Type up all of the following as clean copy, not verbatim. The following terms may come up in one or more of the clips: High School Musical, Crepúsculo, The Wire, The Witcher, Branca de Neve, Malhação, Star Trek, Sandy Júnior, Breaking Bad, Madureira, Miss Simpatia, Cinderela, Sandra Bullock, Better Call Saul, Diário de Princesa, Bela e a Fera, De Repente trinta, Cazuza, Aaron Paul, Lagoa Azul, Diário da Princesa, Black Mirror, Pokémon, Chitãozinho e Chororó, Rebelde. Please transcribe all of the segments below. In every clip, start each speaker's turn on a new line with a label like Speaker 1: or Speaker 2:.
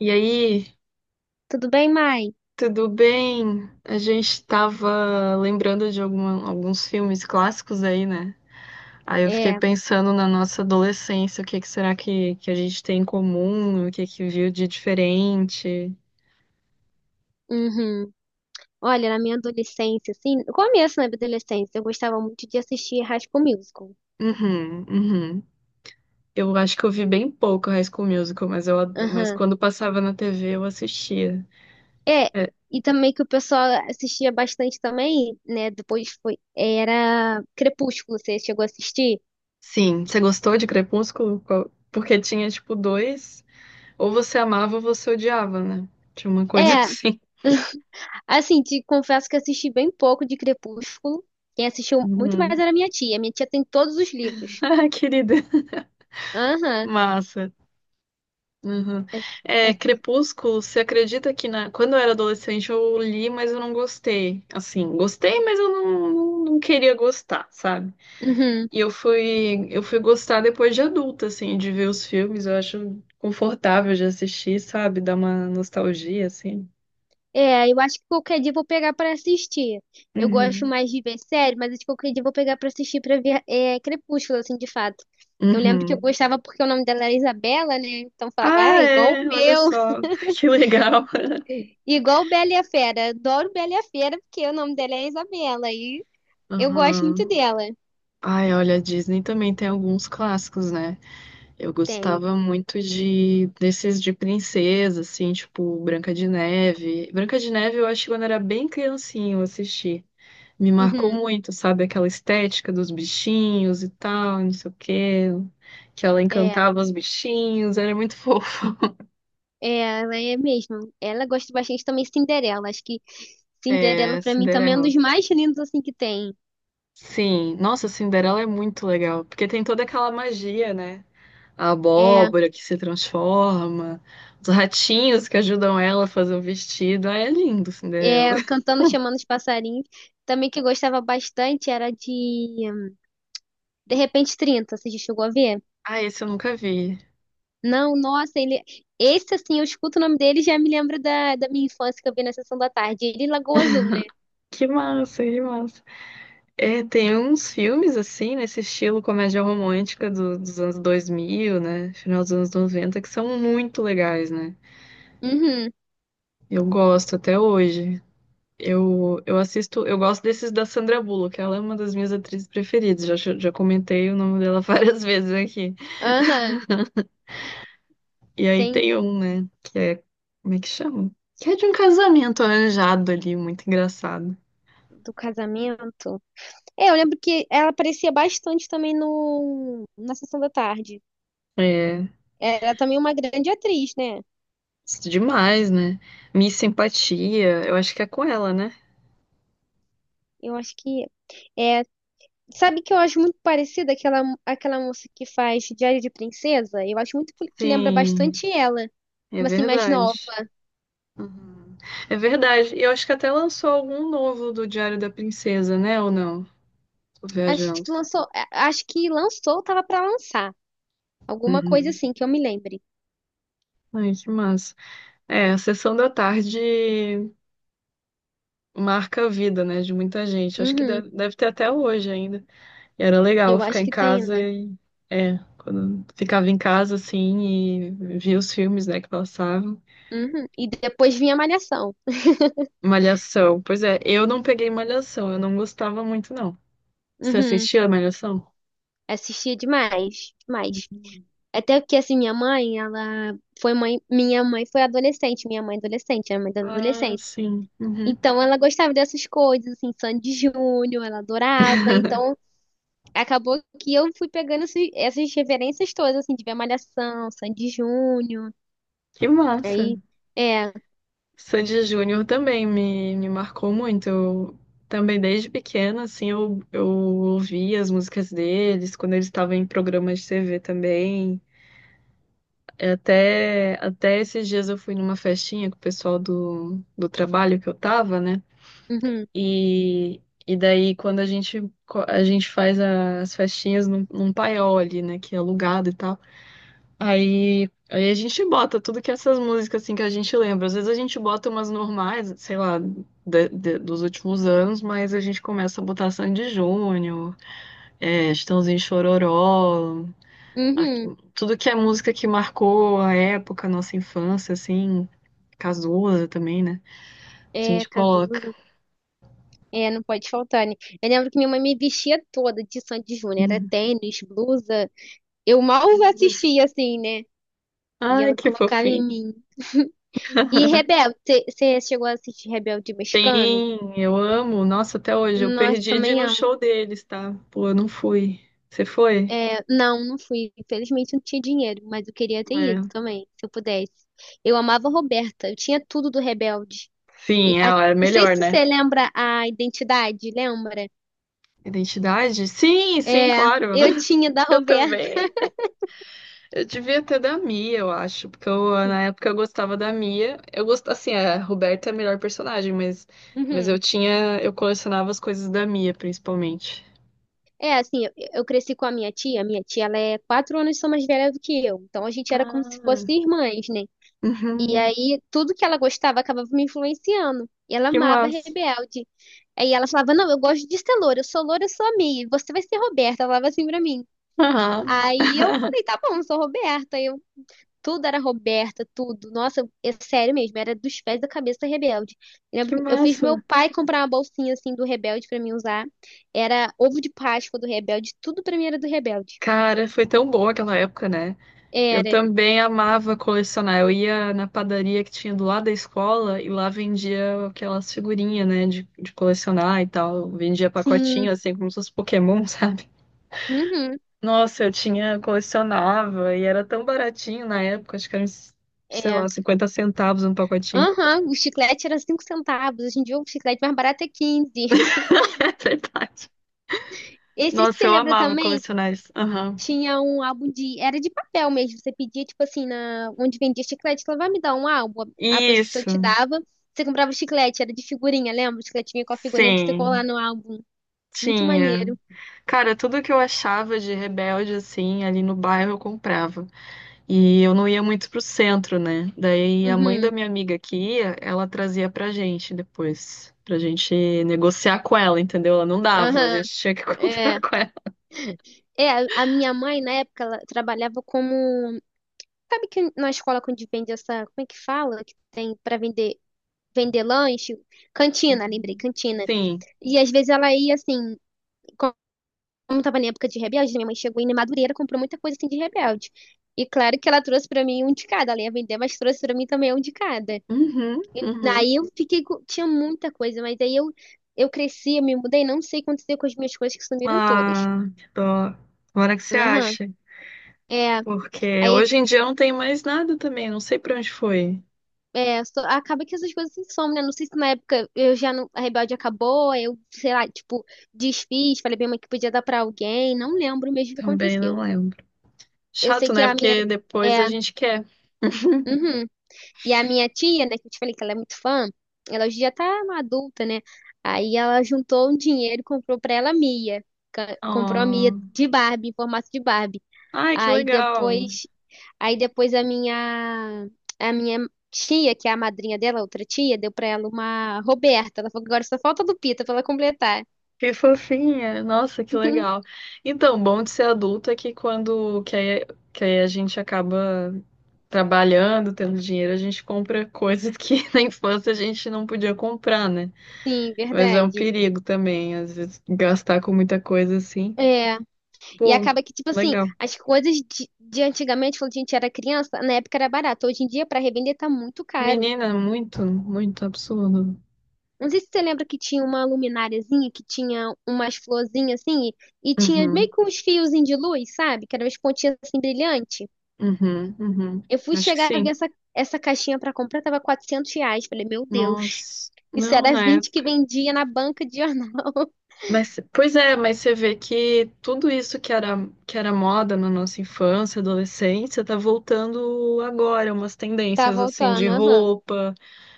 Speaker 1: E aí,
Speaker 2: Tudo bem, mãe?
Speaker 1: tudo bem? A gente tava lembrando de alguns filmes clássicos aí, né? Aí eu fiquei
Speaker 2: É,
Speaker 1: pensando na nossa adolescência, o que que será que a gente tem em comum, o que que viu de diferente.
Speaker 2: uhum. Olha, na minha adolescência, assim, no começo né, da minha adolescência, eu gostava muito de assistir High School Musical.
Speaker 1: Uhum, uhum. Eu acho que eu vi bem pouco High School Musical, mas
Speaker 2: Aham.
Speaker 1: quando passava na TV eu assistia.
Speaker 2: É,
Speaker 1: É,
Speaker 2: e também que o pessoal assistia bastante também, né? Depois foi, era Crepúsculo, você chegou a assistir?
Speaker 1: sim, você gostou de Crepúsculo? Porque tinha, tipo, dois, ou você amava ou você odiava, né? Tinha uma coisa
Speaker 2: É,
Speaker 1: assim.
Speaker 2: assim, te confesso que assisti bem pouco de Crepúsculo. Quem assistiu muito mais
Speaker 1: Uhum.
Speaker 2: era minha tia. Minha tia tem todos os livros.
Speaker 1: Ah, querida.
Speaker 2: Aham.
Speaker 1: Massa. Uhum.
Speaker 2: É-
Speaker 1: É,
Speaker 2: é-
Speaker 1: Crepúsculo, você acredita que na... Quando eu era adolescente eu li, mas eu não gostei. Assim, gostei, mas eu não queria gostar, sabe?
Speaker 2: Uhum.
Speaker 1: E eu fui gostar depois de adulta, assim, de ver os filmes. Eu acho confortável de assistir, sabe? Dá uma nostalgia, assim.
Speaker 2: É, eu acho que qualquer dia eu vou pegar pra assistir. Eu gosto
Speaker 1: Uhum.
Speaker 2: mais de ver série, mas acho que qualquer dia eu vou pegar pra assistir pra ver Crepúsculo, assim, de fato. Eu lembro que eu
Speaker 1: Uhum.
Speaker 2: gostava porque o nome dela era Isabela, né? Então eu falava, ah,
Speaker 1: Ah,
Speaker 2: igual o
Speaker 1: é, olha
Speaker 2: meu,
Speaker 1: só, que legal.
Speaker 2: igual Bela e a Fera. Adoro Bela e a Fera porque o nome dela é Isabela e eu gosto muito
Speaker 1: Uhum.
Speaker 2: dela.
Speaker 1: Ai, olha, a Disney também tem alguns clássicos, né? Eu
Speaker 2: Tem.
Speaker 1: gostava muito de desses de princesa, assim, tipo Branca de Neve. Branca de Neve eu acho que quando era bem criancinho eu assisti. Me marcou
Speaker 2: Uhum.
Speaker 1: muito, sabe? Aquela estética dos bichinhos e tal, não sei o quê. Que ela
Speaker 2: É,
Speaker 1: encantava os bichinhos, era muito fofa.
Speaker 2: é, ela é mesmo. Ela gosta bastante também de Cinderela. Acho que Cinderela
Speaker 1: É,
Speaker 2: pra mim também é um
Speaker 1: Cinderela.
Speaker 2: dos mais lindos assim que tem.
Speaker 1: Sim, nossa, Cinderela é muito legal, porque tem toda aquela magia, né? A
Speaker 2: É.
Speaker 1: abóbora que se transforma, os ratinhos que ajudam ela a fazer o vestido. Ah, é lindo, Cinderela.
Speaker 2: Cantando, chamando os passarinhos. Também que eu gostava bastante era de De Repente trinta. Você já chegou a ver?
Speaker 1: Ah, esse eu nunca vi.
Speaker 2: Não, nossa, ele. Esse, assim, eu escuto o nome dele e já me lembro da minha infância que eu vi na Sessão da Tarde. Ele e Lagoa Azul, né?
Speaker 1: Que massa, que massa. É, tem uns filmes assim, nesse estilo comédia romântica dos anos 2000, né? Final dos anos 90 que são muito legais, né?
Speaker 2: Uhum,
Speaker 1: Eu gosto até hoje. Eu assisto, eu gosto desses da Sandra Bullock, ela é uma das minhas atrizes preferidas. Já comentei o nome dela várias vezes aqui.
Speaker 2: aham.
Speaker 1: E aí
Speaker 2: Tem
Speaker 1: tem um, né? Que é. Como é que chama? Que é de um casamento arranjado ali, muito engraçado.
Speaker 2: do casamento. É, eu lembro que ela aparecia bastante também no, na Sessão da Tarde.
Speaker 1: É.
Speaker 2: Era também uma grande atriz, né?
Speaker 1: Isso Demais, né? Miss Simpatia, eu acho que é com ela, né?
Speaker 2: Eu acho que. É. Sabe que eu acho muito parecida aquela moça que faz Diário de Princesa? Eu acho muito que lembra
Speaker 1: Sim,
Speaker 2: bastante ela,
Speaker 1: é
Speaker 2: mas assim, mais nova.
Speaker 1: verdade. Uhum. É verdade. E eu acho que até lançou algum novo do Diário da Princesa, né? Ou não? Tô
Speaker 2: Acho que
Speaker 1: viajando.
Speaker 2: lançou, acho que lançou, tava pra lançar. Alguma coisa
Speaker 1: Uhum.
Speaker 2: assim que eu me lembre.
Speaker 1: Ai, que massa. É, a sessão da tarde marca a vida, né? De muita gente. Acho que
Speaker 2: Uhum,
Speaker 1: deve ter até hoje ainda. E era legal
Speaker 2: eu
Speaker 1: ficar
Speaker 2: acho
Speaker 1: em
Speaker 2: que tem
Speaker 1: casa
Speaker 2: ainda.
Speaker 1: e. É, quando ficava em casa, assim, e via os filmes, né, que passavam.
Speaker 2: Uhum. E depois vinha Malhação.
Speaker 1: Malhação. Pois é, eu não peguei Malhação, eu não gostava muito, não. Você
Speaker 2: Uhum.
Speaker 1: assistia a Malhação?
Speaker 2: Assistia demais, demais.
Speaker 1: Hum.
Speaker 2: Até que assim, minha mãe, ela foi mãe, minha mãe foi adolescente, minha mãe adolescente, a mãe da
Speaker 1: Ah,
Speaker 2: adolescência.
Speaker 1: sim. Uhum.
Speaker 2: Então ela gostava dessas coisas, assim, Sandy Júnior, ela adorava. Então acabou que eu fui pegando essas referências todas, assim, de ver Malhação, Sandy Júnior.
Speaker 1: Que massa.
Speaker 2: Aí, é,
Speaker 1: Sandy Júnior também me marcou muito. Eu também, desde pequena, assim, eu ouvia as músicas deles, quando eles estavam em programas de TV também. É, até esses dias eu fui numa festinha com o pessoal do trabalho que eu tava, né?
Speaker 2: uhum,
Speaker 1: E daí, quando a gente, a gente faz as festinhas num paiol ali, né? Que é alugado e tal. Aí a gente bota tudo que essas músicas, assim, que a gente lembra. Às vezes a gente bota umas normais, sei lá, dos últimos anos, mas a gente começa a botar Sandy Júnior, é, Chitãozinho e Chororó, a-
Speaker 2: uhum,
Speaker 1: tudo que é música que marcou a época, a nossa infância, assim, Cazuza também, né? A
Speaker 2: é,
Speaker 1: gente coloca.
Speaker 2: Cazuza. É, não pode faltar, né? Eu lembro que minha mãe me vestia toda de Sandy Júnior, era tênis, blusa. Eu mal assistia, assim, né? E
Speaker 1: Ai,
Speaker 2: ela
Speaker 1: que
Speaker 2: colocava em
Speaker 1: fofinho.
Speaker 2: mim. E Rebelde, você chegou a assistir Rebelde Mexicano?
Speaker 1: Sim, eu amo. Nossa, até hoje. Eu
Speaker 2: Nossa,
Speaker 1: perdi de ir
Speaker 2: também.
Speaker 1: no show deles, tá? Pô, eu não fui. Você foi?
Speaker 2: É, não, não fui. Infelizmente não tinha dinheiro, mas eu queria ter ido
Speaker 1: É.
Speaker 2: também, se eu pudesse. Eu amava a Roberta, eu tinha tudo do Rebelde. E
Speaker 1: Sim, ela é
Speaker 2: não sei
Speaker 1: melhor,
Speaker 2: se
Speaker 1: né?
Speaker 2: você lembra a identidade, lembra?
Speaker 1: Identidade? Sim, sim,
Speaker 2: É,
Speaker 1: claro.
Speaker 2: eu tinha da
Speaker 1: Eu
Speaker 2: Roberta.
Speaker 1: também. Eu devia ter da Mia, eu acho, porque eu, na época eu gostava da Mia. Eu gosto, assim, a Roberta é a melhor personagem, mas eu
Speaker 2: Uhum.
Speaker 1: tinha, eu colecionava as coisas da Mia, principalmente.
Speaker 2: É, assim, eu cresci com a minha tia. Minha tia, ela é 4 anos só mais velha do que eu. Então a gente era como se fosse
Speaker 1: Ah,
Speaker 2: irmãs, né? E
Speaker 1: uhum,
Speaker 2: aí, tudo que ela gostava acabava me influenciando. E ela
Speaker 1: que
Speaker 2: amava
Speaker 1: massa.
Speaker 2: Rebelde. Aí ela falava: Não, eu gosto de ser loura, eu sou a Mia, você vai ser Roberta. Ela falava assim pra mim.
Speaker 1: Aham,
Speaker 2: Aí eu falei: Tá bom, eu sou Roberta. Aí eu, tudo era Roberta, tudo. Nossa, é sério mesmo, era dos pés da cabeça Rebelde. Eu lembro
Speaker 1: que
Speaker 2: que eu fiz meu
Speaker 1: massa.
Speaker 2: pai comprar uma bolsinha assim do Rebelde pra mim usar. Era ovo de Páscoa do Rebelde, tudo pra mim era do Rebelde.
Speaker 1: Cara, foi tão bom aquela época, né? Eu
Speaker 2: Era,
Speaker 1: também amava colecionar. Eu ia na padaria que tinha do lado da escola e lá vendia aquelas figurinhas, né, de colecionar e tal. Vendia pacotinho,
Speaker 2: sim.
Speaker 1: assim, como se fosse Pokémon, sabe?
Speaker 2: Uhum.
Speaker 1: Nossa, eu tinha, colecionava e era tão baratinho na época, acho que era, uns, sei
Speaker 2: É.
Speaker 1: lá, cinquenta centavos um pacotinho.
Speaker 2: Aham, o chiclete era 5 centavos. Hoje em dia o chiclete mais barato é 15.
Speaker 1: É verdade.
Speaker 2: Esse,
Speaker 1: Nossa,
Speaker 2: você
Speaker 1: eu
Speaker 2: lembra
Speaker 1: amava
Speaker 2: também?
Speaker 1: colecionar isso. Aham.
Speaker 2: Tinha um álbum de. Era de papel mesmo. Você pedia, tipo assim, onde vendia chiclete, ela vai me dar um álbum. A pessoa te
Speaker 1: Isso,
Speaker 2: dava. Você comprava o chiclete, era de figurinha, lembra? O chiclete vinha com a figurinha pra você colar
Speaker 1: sim,
Speaker 2: no álbum. Muito
Speaker 1: tinha.
Speaker 2: maneiro.
Speaker 1: Cara, tudo que eu achava de rebelde, assim, ali no bairro eu comprava. E eu não ia muito pro centro, né? Daí a mãe da
Speaker 2: Uhum.
Speaker 1: minha amiga que ia, ela trazia pra gente depois, pra gente negociar com ela, entendeu? Ela não dava, a
Speaker 2: Aham.
Speaker 1: gente tinha que
Speaker 2: É.
Speaker 1: comprar com ela.
Speaker 2: É, a minha mãe, na época, ela trabalhava como. Sabe que na escola quando vende essa. Como é que fala? Que tem pra vender, vender lanche? Cantina, lembrei,
Speaker 1: Uhum.
Speaker 2: cantina.
Speaker 1: Sim.
Speaker 2: E às vezes ela ia assim, como tava na época de Rebelde, minha mãe chegou em Madureira, comprou muita coisa assim de Rebelde. E claro que ela trouxe pra mim um de cada, ela ia vender, mas trouxe pra mim também um de cada.
Speaker 1: Uhum,
Speaker 2: E
Speaker 1: uhum.
Speaker 2: aí eu fiquei, tinha muita coisa, mas aí eu cresci, eu me mudei, não sei o que aconteceu com as minhas coisas que sumiram todas.
Speaker 1: Ah, que dó. Agora que você
Speaker 2: Aham.
Speaker 1: acha.
Speaker 2: É,
Speaker 1: Porque
Speaker 2: aí
Speaker 1: hoje em dia eu não tenho mais nada também, não sei pra onde foi.
Speaker 2: acaba que essas coisas se somem, né? Não sei se na época eu já não, a Rebelde acabou, aí eu, sei lá, tipo, desfiz, falei bem mãe que podia dar pra alguém, não lembro mesmo o que
Speaker 1: Também não
Speaker 2: aconteceu.
Speaker 1: lembro.
Speaker 2: Eu sei
Speaker 1: Chato,
Speaker 2: que
Speaker 1: né?
Speaker 2: a minha
Speaker 1: Porque depois a
Speaker 2: é,
Speaker 1: gente quer.
Speaker 2: uhum. E a minha tia, né, que eu te falei que ela é muito fã, ela hoje já tá uma adulta, né? Aí ela juntou um dinheiro e comprou pra ela a Mia. Comprou a Mia
Speaker 1: Oh.
Speaker 2: de Barbie, em formato de Barbie.
Speaker 1: Ai, que
Speaker 2: Aí
Speaker 1: legal.
Speaker 2: depois, aí depois, a minha tia, que é a madrinha dela, outra tia, deu pra ela uma Roberta. Ela falou que agora só falta a Lupita pra ela completar.
Speaker 1: Que fofinha! Nossa, que legal. Então, bom de ser adulto é que quando que aí a gente acaba trabalhando, tendo dinheiro, a gente compra coisas que na infância a gente não podia comprar, né?
Speaker 2: Sim,
Speaker 1: Mas é um
Speaker 2: verdade.
Speaker 1: perigo também, às vezes, gastar com muita coisa assim.
Speaker 2: É, e
Speaker 1: Pô,
Speaker 2: acaba que, tipo assim,
Speaker 1: legal.
Speaker 2: as coisas de antigamente, quando a gente era criança, na época era barato. Hoje em dia, para revender, tá muito caro.
Speaker 1: Menina, muito, muito absurdo.
Speaker 2: Não sei se você lembra que tinha uma lumináriazinha, que tinha umas florzinhas assim, e tinha
Speaker 1: Uhum,
Speaker 2: meio que uns fiozinhos de luz, sabe? Que eram umas pontinhas assim brilhante.
Speaker 1: uhum, uhum.
Speaker 2: Eu fui
Speaker 1: Acho que
Speaker 2: chegar a ver
Speaker 1: sim.
Speaker 2: essa caixinha para comprar, tava R$ 400. Falei, meu Deus,
Speaker 1: Nossa,
Speaker 2: isso
Speaker 1: não,
Speaker 2: era
Speaker 1: né?
Speaker 2: 20 que vendia na banca de jornal.
Speaker 1: Mas, pois é, mas você vê que tudo isso que era moda na nossa infância, adolescência, tá voltando agora, umas
Speaker 2: Tá
Speaker 1: tendências assim de
Speaker 2: voltando, aham.
Speaker 1: roupa,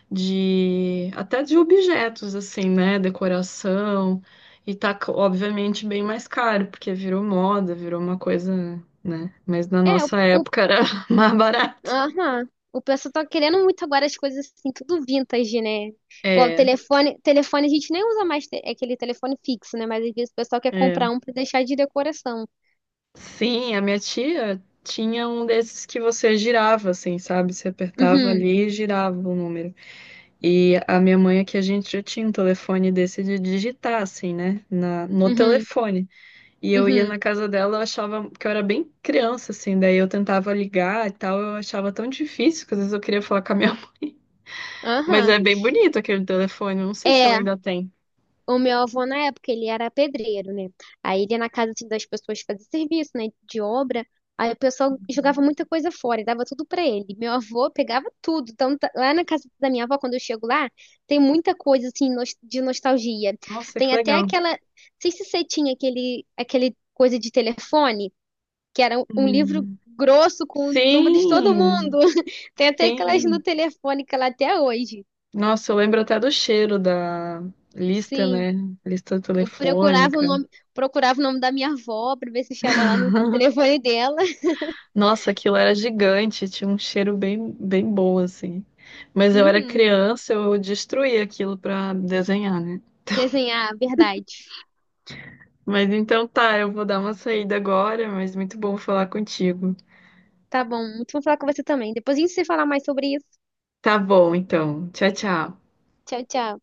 Speaker 1: de até de objetos assim, né, decoração, e obviamente bem mais caro, porque virou moda, virou uma coisa, né? Mas na
Speaker 2: É.
Speaker 1: nossa
Speaker 2: O
Speaker 1: época era mais barato.
Speaker 2: Aham. O pessoal tá querendo muito agora as coisas assim, tudo vintage, né? Igual o
Speaker 1: É,
Speaker 2: telefone, telefone a gente nem usa mais é aquele telefone fixo, né? Mas às vezes o pessoal quer
Speaker 1: é.
Speaker 2: comprar um pra deixar de decoração.
Speaker 1: Sim, a minha tia tinha um desses que você girava, assim, sabe? Você apertava
Speaker 2: Uhum,
Speaker 1: ali e girava o número. E a minha mãe aqui, a gente já tinha um telefone desse de digitar, assim, né? No
Speaker 2: uhum,
Speaker 1: telefone. E eu ia
Speaker 2: uhum.
Speaker 1: na casa dela, eu achava que eu era bem criança, assim, daí eu tentava ligar e tal, eu achava tão difícil que às vezes eu queria falar com a minha mãe. Mas
Speaker 2: Aham.
Speaker 1: é bem bonito aquele telefone, eu não sei se ela
Speaker 2: É.
Speaker 1: ainda tem.
Speaker 2: O meu avô, na época, ele era pedreiro, né? Aí ele ia na casa assim, das pessoas fazer serviço, né? De obra. Aí o pessoal jogava muita coisa fora e dava tudo pra ele. Meu avô pegava tudo. Então, lá na casa da minha avó, quando eu chego lá, tem muita coisa assim de nostalgia.
Speaker 1: Nossa,
Speaker 2: Tem
Speaker 1: que
Speaker 2: até
Speaker 1: legal.
Speaker 2: aquela. Não sei se você tinha aquele coisa de telefone, que era um livro
Speaker 1: Hum.
Speaker 2: grosso com o número de todo mundo.
Speaker 1: Sim,
Speaker 2: Tem até aquelas no
Speaker 1: sim.
Speaker 2: telefone que lá até hoje.
Speaker 1: Nossa, eu lembro até do cheiro da lista,
Speaker 2: Sim.
Speaker 1: né? Lista
Speaker 2: Eu
Speaker 1: telefônica.
Speaker 2: procurava o nome da minha avó pra ver se estava lá no telefone dela.
Speaker 1: Nossa, aquilo era gigante, tinha um cheiro bem, bem bom, assim. Mas eu era
Speaker 2: Uhum.
Speaker 1: criança, eu destruía aquilo pra desenhar, né?
Speaker 2: Desenhar, verdade.
Speaker 1: Mas então tá, eu vou dar uma saída agora, mas muito bom falar contigo.
Speaker 2: Tá bom, muito bom falar com você também. Depois a gente se falar mais sobre isso.
Speaker 1: Tá bom, então. Tchau, tchau.
Speaker 2: Tchau, tchau.